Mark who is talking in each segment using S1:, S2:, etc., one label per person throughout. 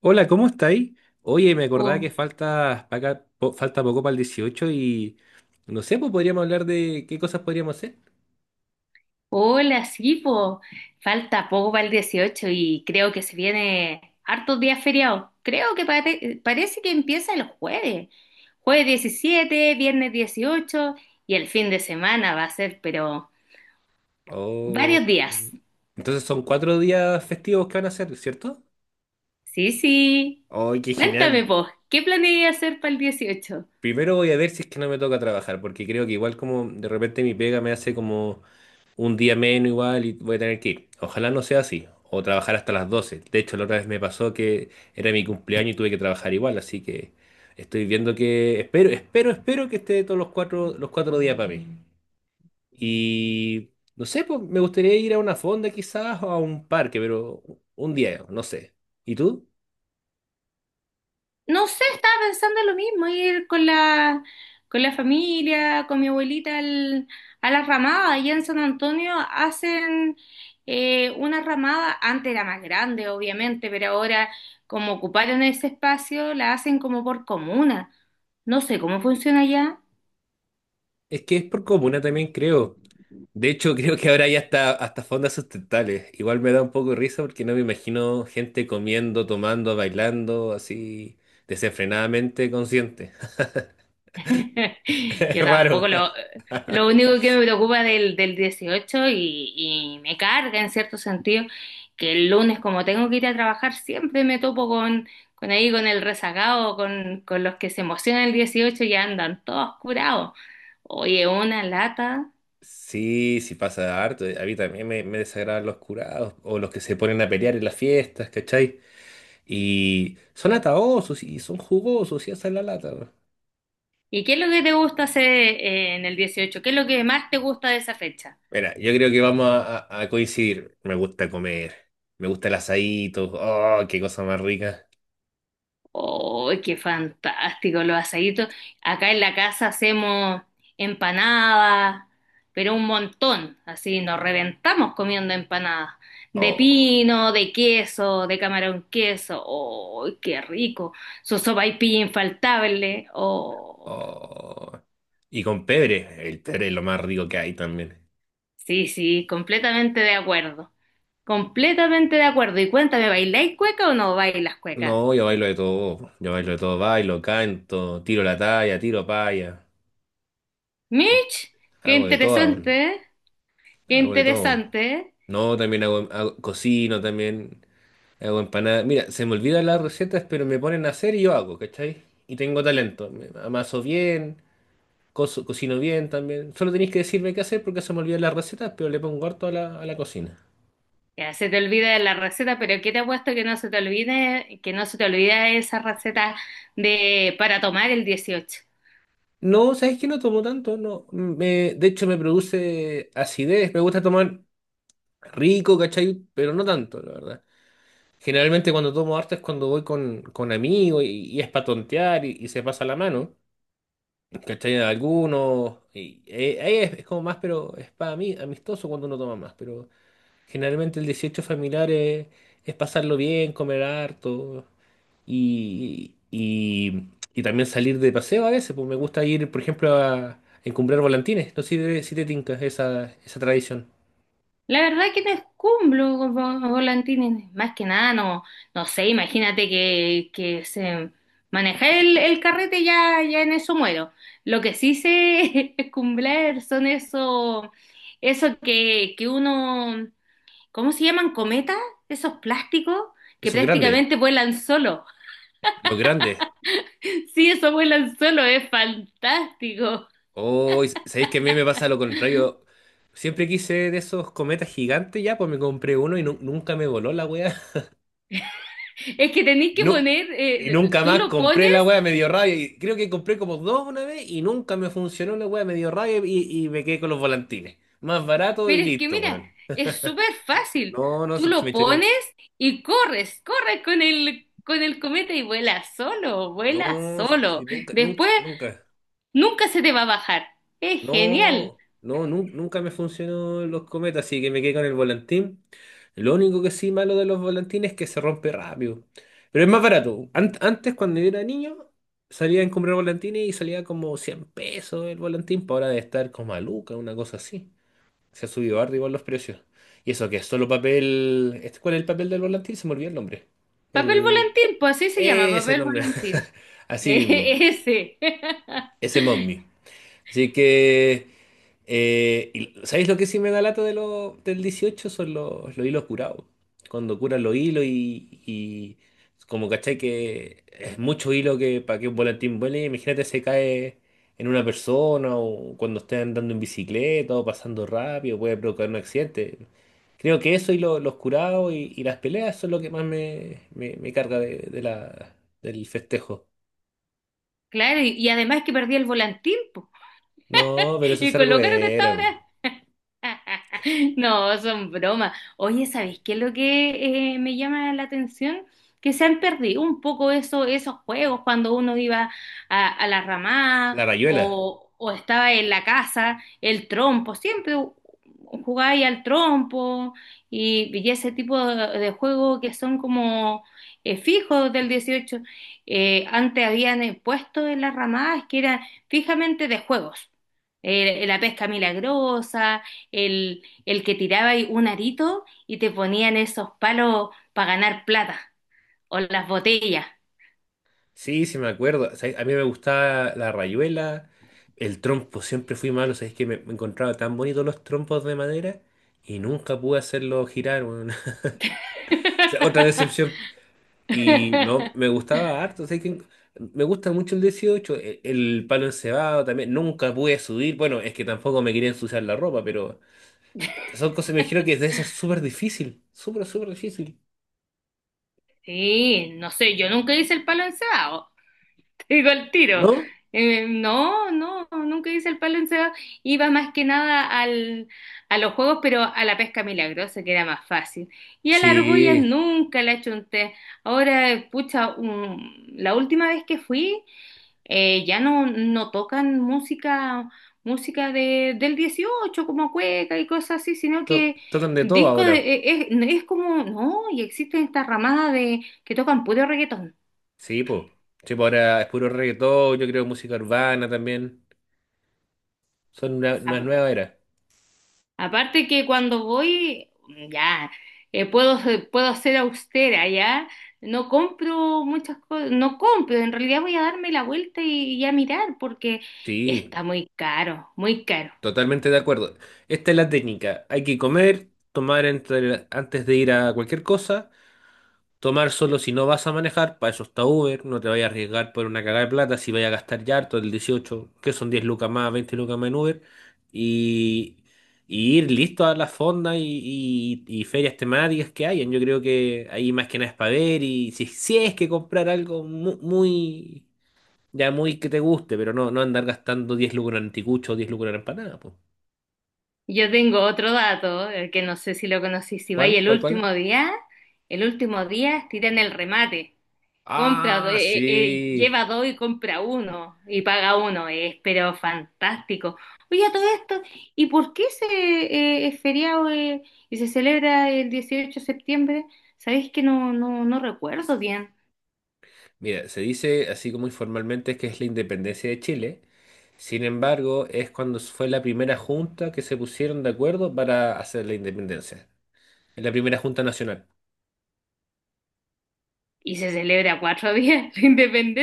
S1: Hola, ¿cómo estáis? Oye, me acordaba
S2: Oh,
S1: que falta, pa' acá- po- falta poco para el 18 y no sé, pues podríamos hablar de qué cosas podríamos hacer.
S2: hola, sí, po. Falta poco para el 18 y creo que se viene hartos días feriados. Creo que parece que empieza el jueves. Jueves 17, viernes 18 y el fin de semana va a ser, pero
S1: Oh,
S2: varios días.
S1: entonces son cuatro días festivos que van a hacer, ¿cierto?
S2: Sí, sí.
S1: ¡Ay, qué genial!
S2: Cuéntame, po, ¿qué planeas hacer para el 18?
S1: Primero voy a ver si es que no me toca trabajar, porque creo que igual como de repente mi pega me hace como un día menos igual y voy a tener que ir. Ojalá no sea así. O trabajar hasta las 12. De hecho, la otra vez me pasó que era mi cumpleaños y tuve que trabajar igual. Así que estoy viendo que. Espero que esté todos los cuatro días para mí. Y. No sé, pues me gustaría ir a una fonda quizás o a un parque, pero un día, no sé. ¿Y tú?
S2: No sé, estaba pensando lo mismo, ir con con la familia, con mi a la ramada. Allá en San Antonio hacen una ramada, antes era más grande, obviamente, pero ahora como ocuparon ese espacio, la hacen como por comuna. No sé cómo funciona allá.
S1: Es que es por comuna también, creo. De hecho, creo que ahora ya está hasta fondas sustentables. Igual me da un poco de risa porque no me imagino gente comiendo, tomando, bailando, así desenfrenadamente consciente. Es
S2: Yo
S1: raro.
S2: tampoco lo, lo único que me preocupa del 18 y me carga en cierto sentido que el lunes como tengo que ir a trabajar siempre me topo con ahí con el rezagado, con los que se emocionan el 18 y ya andan todos curados. Oye, una lata.
S1: Sí, sí pasa harto. A mí también me desagradan los curados o los que se ponen a pelear en las fiestas, ¿cachai? Y son ataosos y son jugosos y hacen la lata, ¿no?
S2: ¿Y qué es lo que te gusta hacer en el dieciocho? ¿Qué es lo que más te gusta de esa fecha?
S1: Mira, yo creo que vamos a coincidir. Me gusta comer, me gusta el asadito, oh, qué cosa más rica.
S2: ¡Oh, qué fantástico! Los asaditos. Acá en la casa hacemos empanadas, pero un montón. Así nos reventamos comiendo empanadas. De
S1: Oh.
S2: pino, de queso, de camarón queso. ¡Oh, qué rico! Su sopaipilla infaltable. ¡Oh!
S1: Oh. Y con pebre, el pebre es lo más rico que hay también.
S2: Sí, sí, completamente de acuerdo. Completamente de acuerdo. Y cuéntame, ¿bailáis cueca o no bailas cueca?
S1: No, yo bailo de todo, yo bailo de todo, bailo, canto, tiro la talla, tiro paya,
S2: Mitch, qué
S1: hago de todo, weón,
S2: interesante, ¿eh? Qué
S1: hago de todo.
S2: interesante, ¿eh?
S1: No, también cocino, también hago empanadas. Mira, se me olvidan las recetas, pero me ponen a hacer y yo hago, ¿cachai? Y tengo talento, me amaso bien, cocino bien también. Solo tenéis que decirme qué hacer porque se me olvidan las recetas, pero le pongo harto a la cocina.
S2: Ya, se te olvida la receta, pero ¿qué te ha puesto que no se te olvide, que no se te olvida esa receta de para tomar el 18?
S1: No, ¿sabes que no tomo tanto? No. Me, de hecho, me produce acidez. Me gusta tomar rico, ¿cachai? Pero no tanto, la verdad. Generalmente cuando tomo harto es cuando voy con amigos y es para tontear y se pasa la mano, ¿cachai? A algunos. Y, ahí es como más, pero es para mí amistoso cuando uno toma más. Pero generalmente el 18 familiar es pasarlo bien, comer harto y, y, y también salir de paseo a veces, pues me gusta ir, por ejemplo, a encumbrar volantines. No sé si te tinca esa tradición.
S2: La verdad que no es cumplo, con volantines, más que nada, no, no sé, imagínate que se maneja el carrete ya, ya en eso muero. Lo que sí sé es cumplir son esos, eso que uno, ¿cómo se llaman? ¿Cometas? Esos plásticos que
S1: Esos grandes,
S2: prácticamente vuelan solo.
S1: los grandes.
S2: Sí, eso vuelan solo, es fantástico.
S1: Oh, sabéis que a mí me pasa lo contrario. Siempre quise de esos cometas gigantes ya, pues me compré uno y nunca me voló la wea.
S2: Es que tenéis
S1: Y,
S2: que
S1: nu-
S2: poner,
S1: y nunca
S2: tú
S1: más
S2: lo
S1: compré la
S2: pones,
S1: wea, me dio rabia. Y creo que compré como dos una vez y nunca me funcionó la wea, me dio rabia y me quedé con los volantines. Más barato y
S2: pero es que
S1: listo,
S2: mira,
S1: weón.
S2: es súper fácil.
S1: No, no,
S2: Tú
S1: si me
S2: lo
S1: echaría.
S2: pones y corres, corres con con el cometa y vuela solo, vuela
S1: No, si
S2: solo.
S1: nunca,
S2: Después
S1: nunca, nunca.
S2: nunca se te va a bajar. Es genial.
S1: No, no, nunca me funcionó los cometas, así que me quedé con el volantín. Lo único que sí malo de los volantines es que se rompe rápido. Pero es más barato. Antes, cuando yo era niño, salía a comprar volantines y salía como 100 pesos el volantín, para ahora de estar como a lucas, una cosa así. Se ha subido arriba los precios. Y eso que es solo papel. ¿Cuál es el papel del volantín? Se me olvidó el nombre.
S2: Papel
S1: El.
S2: volantín, pues así se llama,
S1: Ese
S2: papel
S1: nombre.
S2: volantín.
S1: Así mismo.
S2: ese.
S1: Ese mommy. Así que, y- ¿sabéis lo que sí me da lata de del 18? Son los hilos curados. Cuando curan los hilos y como cachai que es mucho hilo que para que un volantín vuele, imagínate se cae en una persona o cuando esté andando en bicicleta o pasando rápido, puede provocar un accidente. Creo que eso y los curados y las peleas son lo que más me carga del festejo.
S2: Claro, y además que perdí el volantín, pues.
S1: No, pero eso es
S2: Y con
S1: algo
S2: lo caro que está
S1: era
S2: ahora. No, son bromas. Oye, ¿sabes qué es lo que me llama la atención? Que se han perdido un poco eso, esos juegos cuando uno iba a la ramada
S1: la rayuela.
S2: o estaba en la casa, el trompo, siempre jugaba ahí al trompo y ese tipo de juegos que son como fijos del 18. Antes habían puesto en las ramadas que eran fijamente de juegos. La pesca milagrosa el que tiraba ahí un arito y te ponían esos palos para ganar plata o las botellas.
S1: Sí, sí me acuerdo. O sea, a mí me gustaba la rayuela, el trompo, siempre fui malo, sabéis que me encontraba tan bonitos los trompos de madera y nunca pude hacerlo girar, weón. O sea, otra decepción. Y no, me gustaba harto, sabéis que me gusta mucho el 18 el palo encebado también, nunca pude subir, bueno, es que tampoco me quería ensuciar la ropa, pero son cosas, me imagino que debe ser súper difícil, súper, súper difícil,
S2: Sí, no sé, yo nunca hice el palo encebado, te digo el tiro.
S1: ¿no?
S2: No, no, nunca hice el palo encebado. Iba más que nada a los juegos, pero a la pesca milagrosa, que era más fácil. Y a la argolla
S1: Sí,
S2: nunca la chunté. Ahora, pucha, la última vez que fui ya no, no tocan música, música del 18 como cueca y cosas así, sino que
S1: tocan de todo ahora.
S2: es como, no, y existen esta ramada de que tocan puro reggaetón.
S1: Sí, pues. Sí, po, ahora es puro reggaetón, yo creo música urbana también. Son una
S2: A-
S1: nueva era.
S2: Aparte que cuando voy, mm, ya, puedo, puedo ser austera, ya, no compro muchas cosas, no compro, en realidad voy a darme la vuelta y a mirar porque
S1: Sí,
S2: está muy caro, muy caro.
S1: totalmente de acuerdo. Esta es la técnica. Hay que comer, tomar antes de ir a cualquier cosa. Tomar solo si no vas a manejar, para eso está Uber, no te vayas a arriesgar por una cagada de plata, si vayas a gastar ya harto el 18 que son 10 lucas más, 20 lucas más en Uber, y, y ir listo a las fondas y, y ferias temáticas que hayan. Yo creo que ahí más que nada es para ver, y si, si es que comprar algo muy, ya muy que te guste, pero no, no andar gastando 10 lucas en anticucho o 10 lucas en empanada, pues.
S2: Yo tengo otro dato, que no sé si lo conocí, si vais
S1: ¿Cuál? ¿Cuál? ¿Cuál?
S2: el último día tiran el remate, compra,
S1: Ah, sí.
S2: lleva dos y compra uno, y paga uno, es pero fantástico. Oye, a todo esto, ¿y por qué se es feriado y se celebra el 18 de septiembre? Sabéis que no, no, no recuerdo bien.
S1: Mira, se dice así como informalmente que es la independencia de Chile. Sin embargo, es cuando fue la primera junta que se pusieron de acuerdo para hacer la independencia. Es la primera junta nacional.
S2: Y se celebra cuatro días la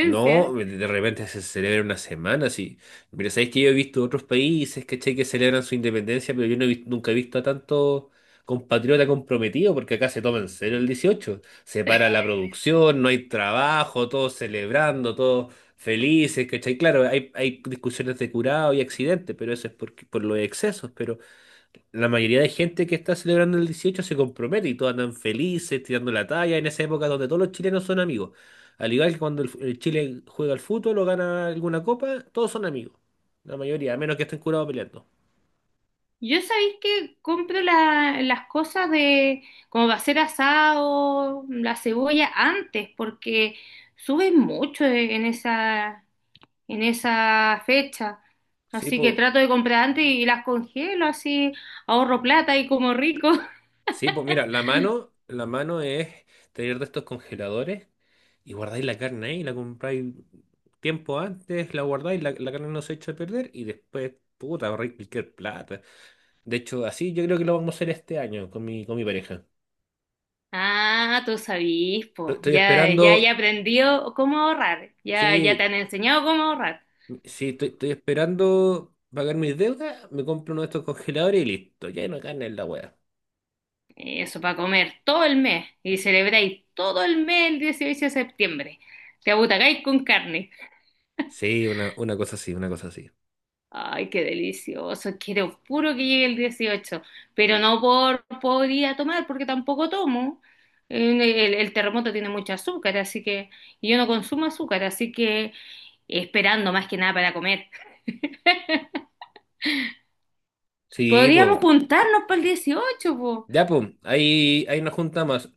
S1: No, de repente se celebra una semana, sí. Pero sabéis que yo he visto otros países, ¿cachai? Que celebran su independencia, pero yo no he nunca he visto a tanto compatriota comprometido, porque acá se toma en serio el 18. Se para la producción, no hay trabajo, todos celebrando, todos felices, ¿cachai? Claro, hay discusiones de curado y accidentes, pero eso es por los excesos, pero la mayoría de gente que está celebrando el 18 se compromete y todos andan felices, tirando la talla en esa época donde todos los chilenos son amigos. Al igual que cuando el Chile juega al fútbol o gana alguna copa, todos son amigos. La mayoría, a menos que estén curados peleando.
S2: Yo sabéis que compro las cosas de como va a ser asado, la cebolla antes, porque suben mucho en esa fecha.
S1: Sí,
S2: Así que
S1: pues,
S2: trato de comprar antes y las congelo, así ahorro plata y como rico.
S1: sí, po, mira, la mano es tener de estos congeladores y guardáis la carne ahí, la compráis tiempo antes, la guardáis, la carne no se echa a perder y después, puta, ahorráis cualquier plata. De hecho, así yo creo que lo vamos a hacer este año con mi pareja.
S2: Ah, tú sabís,
S1: Estoy
S2: po.
S1: estoy
S2: Ya, ya, ya
S1: esperando,
S2: aprendió cómo ahorrar. Ya, ya te
S1: sí,
S2: han enseñado cómo ahorrar.
S1: sí, estoy esperando pagar mis deudas, me compro uno de estos congeladores y listo, ya no carne en la wea.
S2: Eso para comer todo el mes y celebráis todo el mes el 18 de septiembre. Te abutacáis con carne.
S1: Sí, una cosa así, una cosa así.
S2: Ay, qué delicioso. Quiero puro que llegue el 18 pero no por podría tomar porque tampoco tomo. El terremoto tiene mucho azúcar, así que y yo no consumo azúcar, así que esperando más que nada para comer.
S1: Sí, po,
S2: Podríamos juntarnos para el 18 po.
S1: ya po, ahí nos juntamos.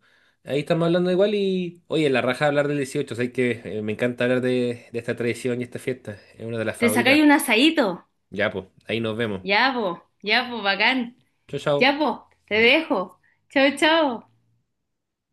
S1: Ahí estamos hablando igual y, oye, la raja hablar del 18, sé que me encanta hablar de esta tradición y esta fiesta, es una de las
S2: Te sacáis
S1: favoritas.
S2: un asadito.
S1: Ya po, ahí nos vemos.
S2: Ya, po. Ya, po, bacán.
S1: Chao, chao.
S2: Ya, po, te dejo. Chao, chao.